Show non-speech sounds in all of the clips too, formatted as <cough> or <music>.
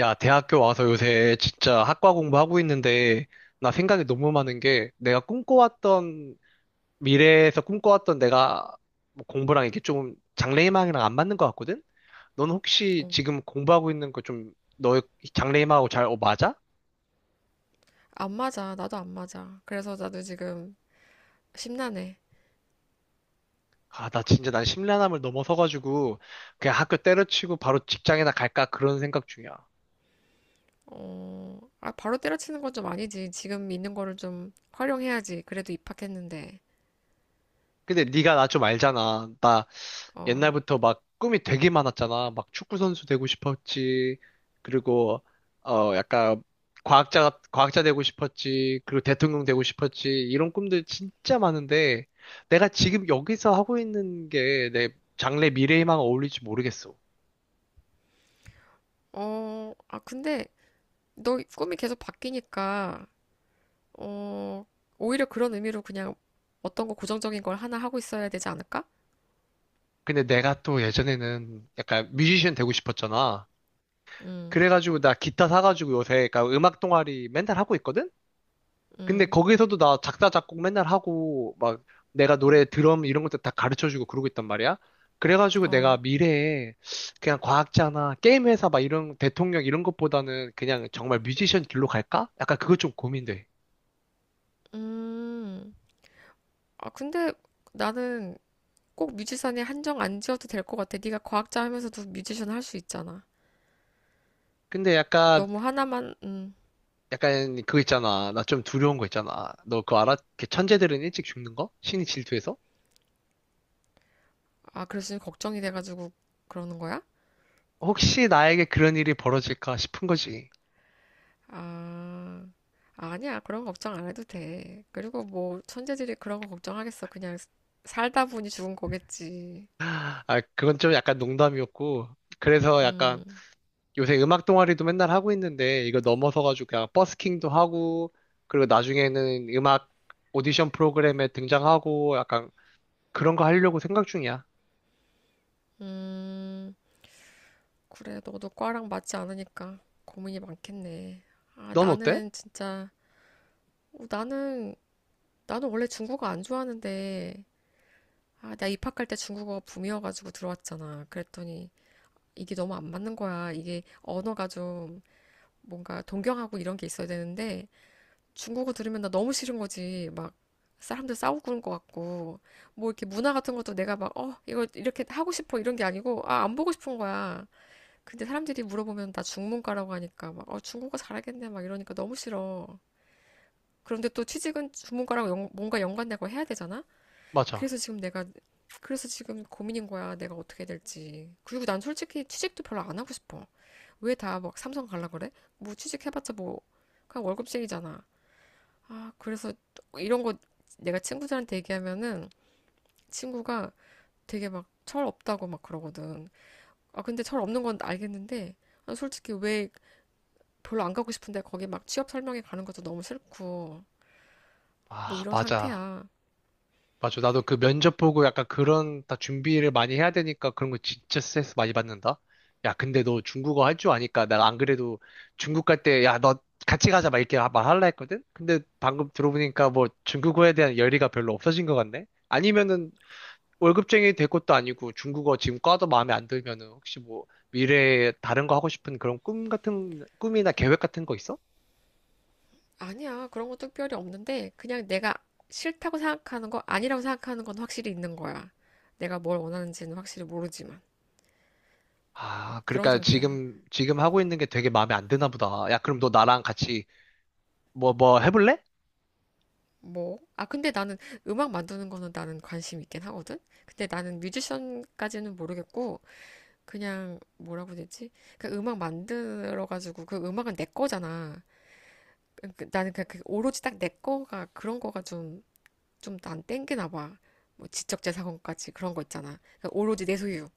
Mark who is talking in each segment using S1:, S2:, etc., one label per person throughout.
S1: 야, 대학교 와서 요새 진짜 학과 공부하고 있는데, 나 생각이 너무 많은 게, 내가 꿈꿔왔던, 미래에서 꿈꿔왔던 내가 뭐 공부랑 이게 좀 장래희망이랑 안 맞는 것 같거든? 넌 혹시
S2: 어,
S1: 지금 공부하고 있는 거 좀, 너의 장래희망하고 잘 맞아?
S2: 안 맞아. 나도 안 맞아. 그래서 나도 지금 심란해.
S1: 아, 나 진짜 난 심란함을 넘어서가지고, 그냥 학교 때려치고 바로 직장이나 갈까? 그런 생각 중이야.
S2: 어, 아, 바로 때려치는 건 좀 아니지. 지금 있는 거를 좀 활용해야지. 그래도 입학했는데.
S1: 근데 네가 나 좀 알잖아. 나
S2: 어,
S1: 옛날부터 막 꿈이 되게 많았잖아. 막 축구 선수 되고 싶었지. 그리고 약간 과학자 되고 싶었지. 그리고 대통령 되고 싶었지. 이런 꿈들 진짜 많은데 내가 지금 여기서 하고 있는 게 내 장래 미래에만 어울릴지 모르겠어.
S2: 근데 너 꿈이 계속 바뀌니까, 어, 오히려 그런 의미로 그냥 어떤 거 고정적인 걸 하나 하고 있어야 되지 않을까?
S1: 근데 내가 또 예전에는 약간 뮤지션 되고 싶었잖아.
S2: 음,
S1: 그래가지고 나 기타 사가지고 요새 그러니까 음악 동아리 맨날 하고 있거든? 근데
S2: 음,
S1: 거기서도 나 작사, 작곡 맨날 하고, 막 내가 노래
S2: 음,
S1: 드럼 이런 것도 다 가르쳐주고 그러고 있단 말이야. 그래가지고 내가
S2: 어,
S1: 미래에 그냥 과학자나 게임 회사 막 이런 대통령 이런 것보다는 그냥 정말 뮤지션 길로 갈까? 약간 그거 좀 고민돼.
S2: 음. 아, 근데 나는 꼭 뮤지션에 한정 안 지어도 될 것 같아. 네가 과학자 하면서도 뮤지션 할 수 있잖아.
S1: 근데
S2: 너무 하나만,
S1: 약간 그거 있잖아. 나 좀 두려운 거 있잖아. 너 그거 알아? 그 천재들은 일찍 죽는 거? 신이 질투해서?
S2: 아, 그래서 걱정이 돼가지고 그러는 거야?
S1: 혹시 나에게 그런 일이 벌어질까 싶은 거지.
S2: 아, 아니야. 그런 거 걱정 안 해도 돼. 그리고 뭐, 천재들이 그런 거 걱정하겠어. 그냥 살다 보니 죽은 거겠지.
S1: 아, 그건 좀 약간 농담이었고. 그래서 약간
S2: 음,
S1: 요새 음악 동아리도 맨날 하고 있는데 이거 넘어서가지고 그냥 버스킹도 하고 그리고 나중에는 음악 오디션 프로그램에 등장하고 약간 그런 거 하려고 생각 중이야.
S2: 음. 그래, 너도 과랑 맞지 않으니까 고민이 많겠네. 아,
S1: 넌 어때?
S2: 나는 진짜, 어, 나는, 나는 원래 중국어 안 좋아하는데, 아, 나 입학할 때 중국어 붐이어가지고 들어왔잖아. 그랬더니, 이게 너무 안 맞는 거야. 이게 언어가 좀, 뭔가 동경하고 이런 게 있어야 되는데 중국어 들으면 나 너무 싫은 거지. 막 사람들 싸우고 그런 것 같고 뭐 이렇게 문화 같은 것도 내가 막 이거 이렇게 하고 싶어 이런 게 아니고 아, 안 보고 싶은 거야. 근데 사람들이 물어보면 나 중문과라고 하니까 막 중국어 잘하겠네 막 이러니까 너무 싫어. 그런데 또 취직은 중문과랑 뭔가 연관되고 해야 되잖아?
S1: 맞아.
S2: 그래서 지금 내가 그래서 지금 고민인 거야. 내가 어떻게 해야 될지. 그리고 난 솔직히 취직도 별로 안 하고 싶어. 왜 다 막 삼성 갈라 그래? 뭐 취직해봤자 뭐 그냥 월급쟁이잖아. 아, 그래서 이런 거 내가 친구들한테 얘기하면은 친구가 되게 막 철 없다고 막 그러거든. 아, 근데 철 없는 건 알겠는데 아, 솔직히 왜 별로 안 가고 싶은데 거기 막 취업 설명회 가는 것도 너무 싫고 뭐
S1: 아,
S2: 이런
S1: 맞아.
S2: 상태야.
S1: 맞아. 나도 그 면접 보고 약간 그런 다 준비를 많이 해야 되니까 그런 거 진짜 스트레스 많이 받는다. 야, 근데 너 중국어 할 줄 아니까 내가 안 그래도 중국 갈 때 야, 너 같이 가자 막 이렇게 말할라 했거든? 근데 방금 들어보니까 뭐 중국어에 대한 열의가 별로 없어진 것 같네? 아니면은 월급쟁이 될 것도 아니고 중국어 지금 과도 마음에 안 들면은 혹시 뭐 미래에 다른 거 하고 싶은 그런 꿈 같은 꿈이나 계획 같은 거 있어?
S2: 아니야, 그런 것도 특별히 없는데 그냥 내가 싫다고 생각하는 거 아니라고 생각하는 건 확실히 있는 거야. 내가 뭘 원하는지는 확실히 모르지만
S1: 아,
S2: 그런
S1: 그러니까
S2: 상태야.
S1: 지금 하고 있는 게 되게 마음에 안 드나 보다. 야, 그럼 너 나랑 같이 뭐 해볼래?
S2: 뭐? 아, 근데 나는 음악 만드는 거는 나는 관심 있긴 하거든? 근데 나는 뮤지션까지는 모르겠고, 그냥 뭐라고 해야 되지? 그 음악 만들어가지고, 그 음악은 내 거잖아. 나는 그냥 그 오로지 딱 내 거가 그런 거가 좀, 좀난 땡기나 봐. 뭐 지적재산권까지 그런 거 있잖아. 그러니까 오로지 내 소유.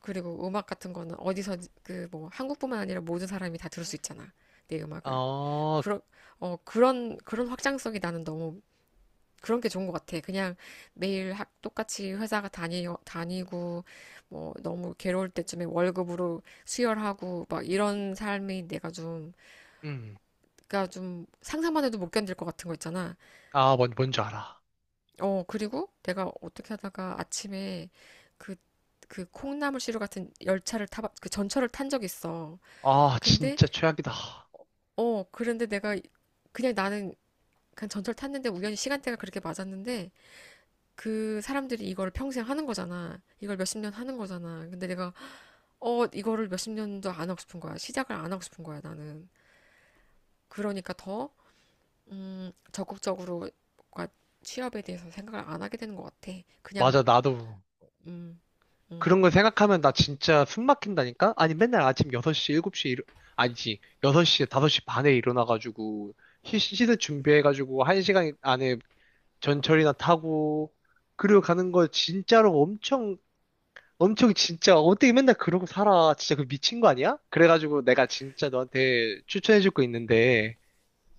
S2: 그리고 음악 같은 거는 어디서 그 뭐 한국뿐만 아니라 모든 사람이 다 들을 수 있잖아. 내 음악을.
S1: 어,
S2: 그런, 그런 확장성이 나는 너무 그런 게 좋은 것 같아. 그냥 매일 똑같이 회사가 다니고, 뭐, 너무 괴로울 때쯤에 월급으로 수혈하고, 막 이런 삶이 내가 좀,
S1: 음,
S2: 그니까 좀 상상만 해도 못 견딜 것 같은 거 있잖아.
S1: 아, 뭔 뭔지 알아.
S2: 그리고 내가 어떻게 하다가 아침에 그, 그 콩나물 시루 같은 열차를 그 전철을 탄 적이 있어.
S1: 아,
S2: 근데,
S1: 진짜 최악이다.
S2: 그런데 내가 그냥 나는 그냥 전철 탔는데 우연히 시간대가 그렇게 맞았는데, 그 사람들이 이걸 평생 하는 거잖아. 이걸 몇십 년 하는 거잖아. 근데 내가, 이거를 몇십 년도 안 하고 싶은 거야. 시작을 안 하고 싶은 거야, 나는. 그러니까 더, 적극적으로, 뭔가 취업에 대해서 생각을 안 하게 되는 것 같아. 그냥,
S1: 맞아, 나도
S2: 음,
S1: 그런
S2: 음,
S1: 거 생각하면 나 진짜 숨 막힌다니까? 아니 맨날 아침 6시, 7시 아니지. 6시, 5시 반에 일어나가지고 시즌 준비해가지고 1시간 안에 전철이나 타고 그리고 가는 거 진짜로 엄청 엄청 진짜 어떻게 맨날 그러고 살아 진짜 그 미친 거 아니야? 그래가지고 내가 진짜 너한테 추천해줄 거 있는데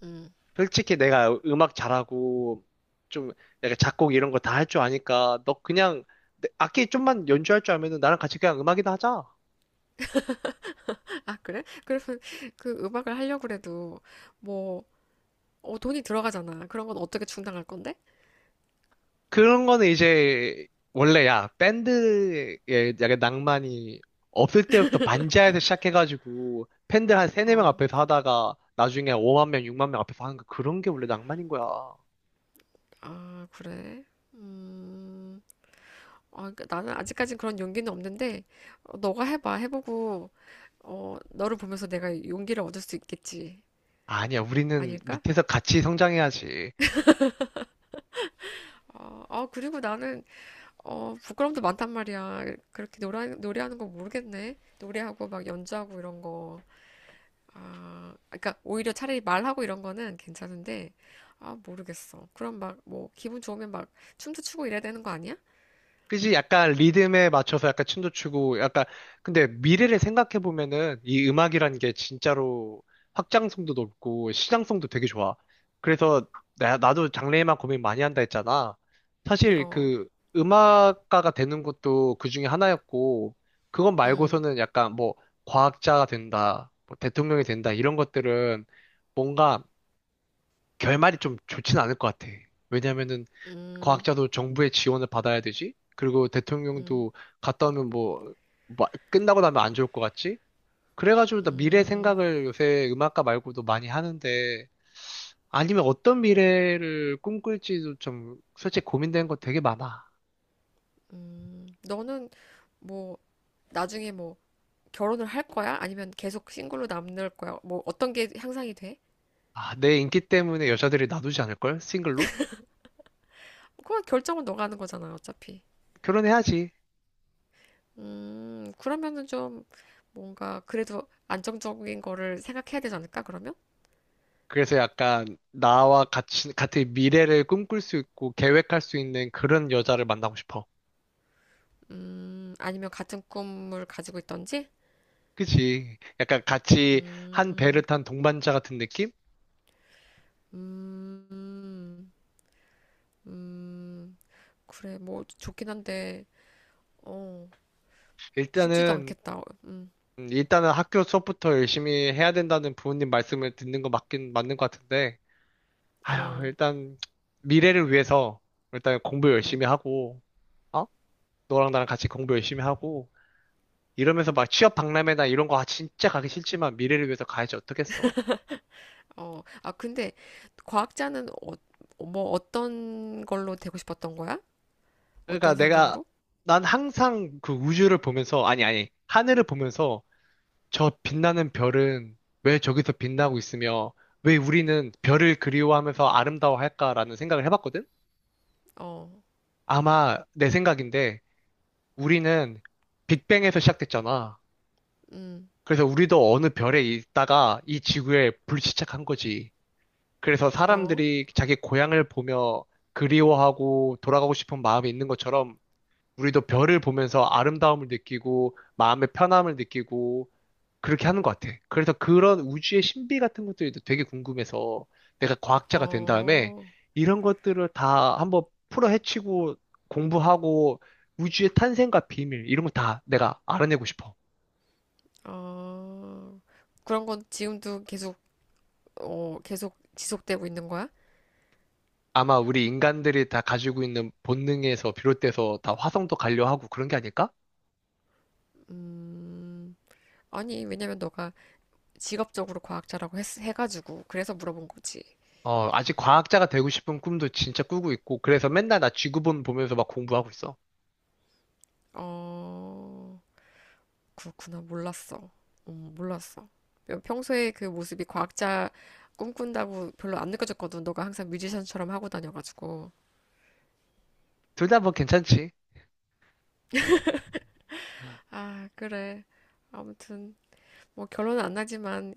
S2: 음.
S1: 솔직히 내가 음악 잘하고 좀 내가 작곡 이런 거 다 할 줄 아니까 너 그냥 악기 좀만 연주할 줄 알면은 나랑 같이 그냥 음악이나 하자.
S2: 아, 그래? <laughs> 그러면 그 음악을 하려고 그래도, 뭐, 돈이 들어가잖아. 그런 건 어떻게 충당할 건데?
S1: 그런 거는 이제 원래 야 밴드에 약간 낭만이 없을 때부터 반지하에서 시작해가지고 팬들 한 세네 명
S2: 어,
S1: 앞에서 하다가 나중에 5만 명, 6만 명 앞에서 하는 거 그런 게 원래 낭만인 거야.
S2: 아, 그래? 음. 아, 그러니까 나는 아직까진 그런 용기는 없는데, 너가 해봐. 해보고, 너를 보면서 내가 용기를 얻을 수 있겠지.
S1: 아니야, 우리는
S2: 아닐까?
S1: 밑에서 같이 성장해야지.
S2: 그리고 나는, 부끄럼도 많단 말이야. 그렇게 노래하는 거 모르겠네. 노래하고 막 연주하고 이런 거. 아, 그러니까 오히려 차라리 말하고 이런 거는 괜찮은데, 아, 모르겠어. 그럼 막, 뭐, 기분 좋으면 막 춤도 추고 이래야 되는 거 아니야?
S1: 그지? 약간 리듬에 맞춰서 약간 춤도 추고, 약간, 근데 미래를 생각해보면은 이 음악이라는 게 진짜로 확장성도 높고 시장성도 되게 좋아. 그래서 나도 장래에만 고민 많이 한다 했잖아. 사실
S2: 어,
S1: 그 음악가가 되는 것도 그 중에 하나였고, 그건
S2: 음,
S1: 말고서는 약간 뭐 과학자가 된다, 뭐 대통령이 된다, 이런 것들은 뭔가 결말이 좀 좋진 않을 것 같아. 왜냐면은
S2: 음,
S1: 과학자도 정부의 지원을 받아야 되지? 그리고
S2: 음,
S1: 대통령도 갔다 오면 뭐, 끝나고 나면 안 좋을 것 같지? 그래가지고 나 미래
S2: 음,
S1: 생각을 요새 음악가 말고도 많이 하는데, 아니면 어떤 미래를 꿈꿀지도 좀 솔직히 고민되는 거 되게 많아.
S2: 너는 뭐, 나중에 뭐 결혼을 할 거야? 아니면 계속 싱글로 남을 거야? 뭐 어떤 게 향상이 돼?
S1: 아, 내 인기 때문에 여자들이 놔두지 않을걸? 싱글로?
S2: 그건 결정은 너가 하는 거잖아, 어차피.
S1: 결혼해야지.
S2: 그러면은 좀 뭔가 그래도 안정적인 거를 생각해야 되지 않을까, 그러면?
S1: 그래서 약간 나와 같이, 같은 미래를 꿈꿀 수 있고 계획할 수 있는 그런 여자를 만나고 싶어.
S2: 아니면 같은 꿈을 가지고 있던지?
S1: 그치? 약간 같이 한 배를
S2: 음,
S1: 탄 동반자 같은 느낌?
S2: 음, 음, 그래, 뭐 좋긴 한데, 어, 쉽지도
S1: 일단은,
S2: 않겠다.
S1: 일단은 학교 수업부터 열심히 해야 된다는 부모님 말씀을 듣는 거 맞긴 맞는 것 같은데, 아휴,
S2: 어,
S1: 일단, 미래를 위해서, 일단 공부
S2: 음.
S1: 열심히 하고, 어? 너랑 나랑 같이 공부 열심히 하고, 이러면서 막 취업 박람회나 이런 거 아, 진짜 가기 싫지만 미래를 위해서 가야지 어떡했어.
S2: 어, 아, 근데 과학자는 뭐 어떤 걸로 되고 싶었던 거야?
S1: 그러니까
S2: 어떤
S1: 내가,
S2: 생각으로?
S1: 난 항상 그 우주를 보면서, 아니, 아니, 하늘을 보면서, 저 빛나는 별은 왜 저기서 빛나고 있으며, 왜 우리는 별을 그리워하면서 아름다워할까라는 생각을 해봤거든?
S2: 어,
S1: 아마 내 생각인데 우리는 빅뱅에서 시작됐잖아.
S2: 음,
S1: 그래서 우리도 어느 별에 있다가 이 지구에 불시착한 거지. 그래서
S2: 어,
S1: 사람들이 자기 고향을 보며 그리워하고 돌아가고 싶은 마음이 있는 것처럼 우리도 별을 보면서 아름다움을 느끼고 마음의 편함을 느끼고 그렇게 하는 것 같아. 그래서 그런 우주의 신비 같은 것들도 되게 궁금해서 내가 과학자가 된 다음에
S2: 어,
S1: 이런 것들을 다 한번 풀어헤치고 공부하고 우주의 탄생과 비밀 이런 거 다 내가 알아내고 싶어.
S2: 어. 그런 건 지금도 계속, 계속 지속되고 있는 거야?
S1: 아마 우리 인간들이 다 가지고 있는 본능에서 비롯돼서 다 화성도 가려 하고 그런 게 아닐까?
S2: 음, 아니, 왜냐면 너가 직업적으로 과학자라고 해가지고, 그래서 물어본 거지.
S1: 어, 아직 과학자가 되고 싶은 꿈도 진짜 꾸고 있고 그래서 맨날 나 지구본 보면서 막 공부하고 있어.
S2: 어, 그렇구나. 몰랐어. 몰랐어. 평소에 그 모습이 과학자 꿈꾼다고 별로 안 느껴졌거든. 너가 항상 뮤지션처럼 하고 다녀가지고.
S1: 둘 다 뭐 괜찮지.
S2: 아, 그래. 아무튼, 뭐 결론은 안 나지만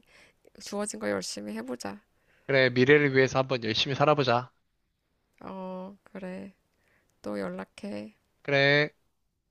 S2: 주어진 거 열심히 해보자.
S1: 그래, 미래를 위해서 한번 열심히 살아보자.
S2: 어, 그래. 또 연락해.
S1: 그래.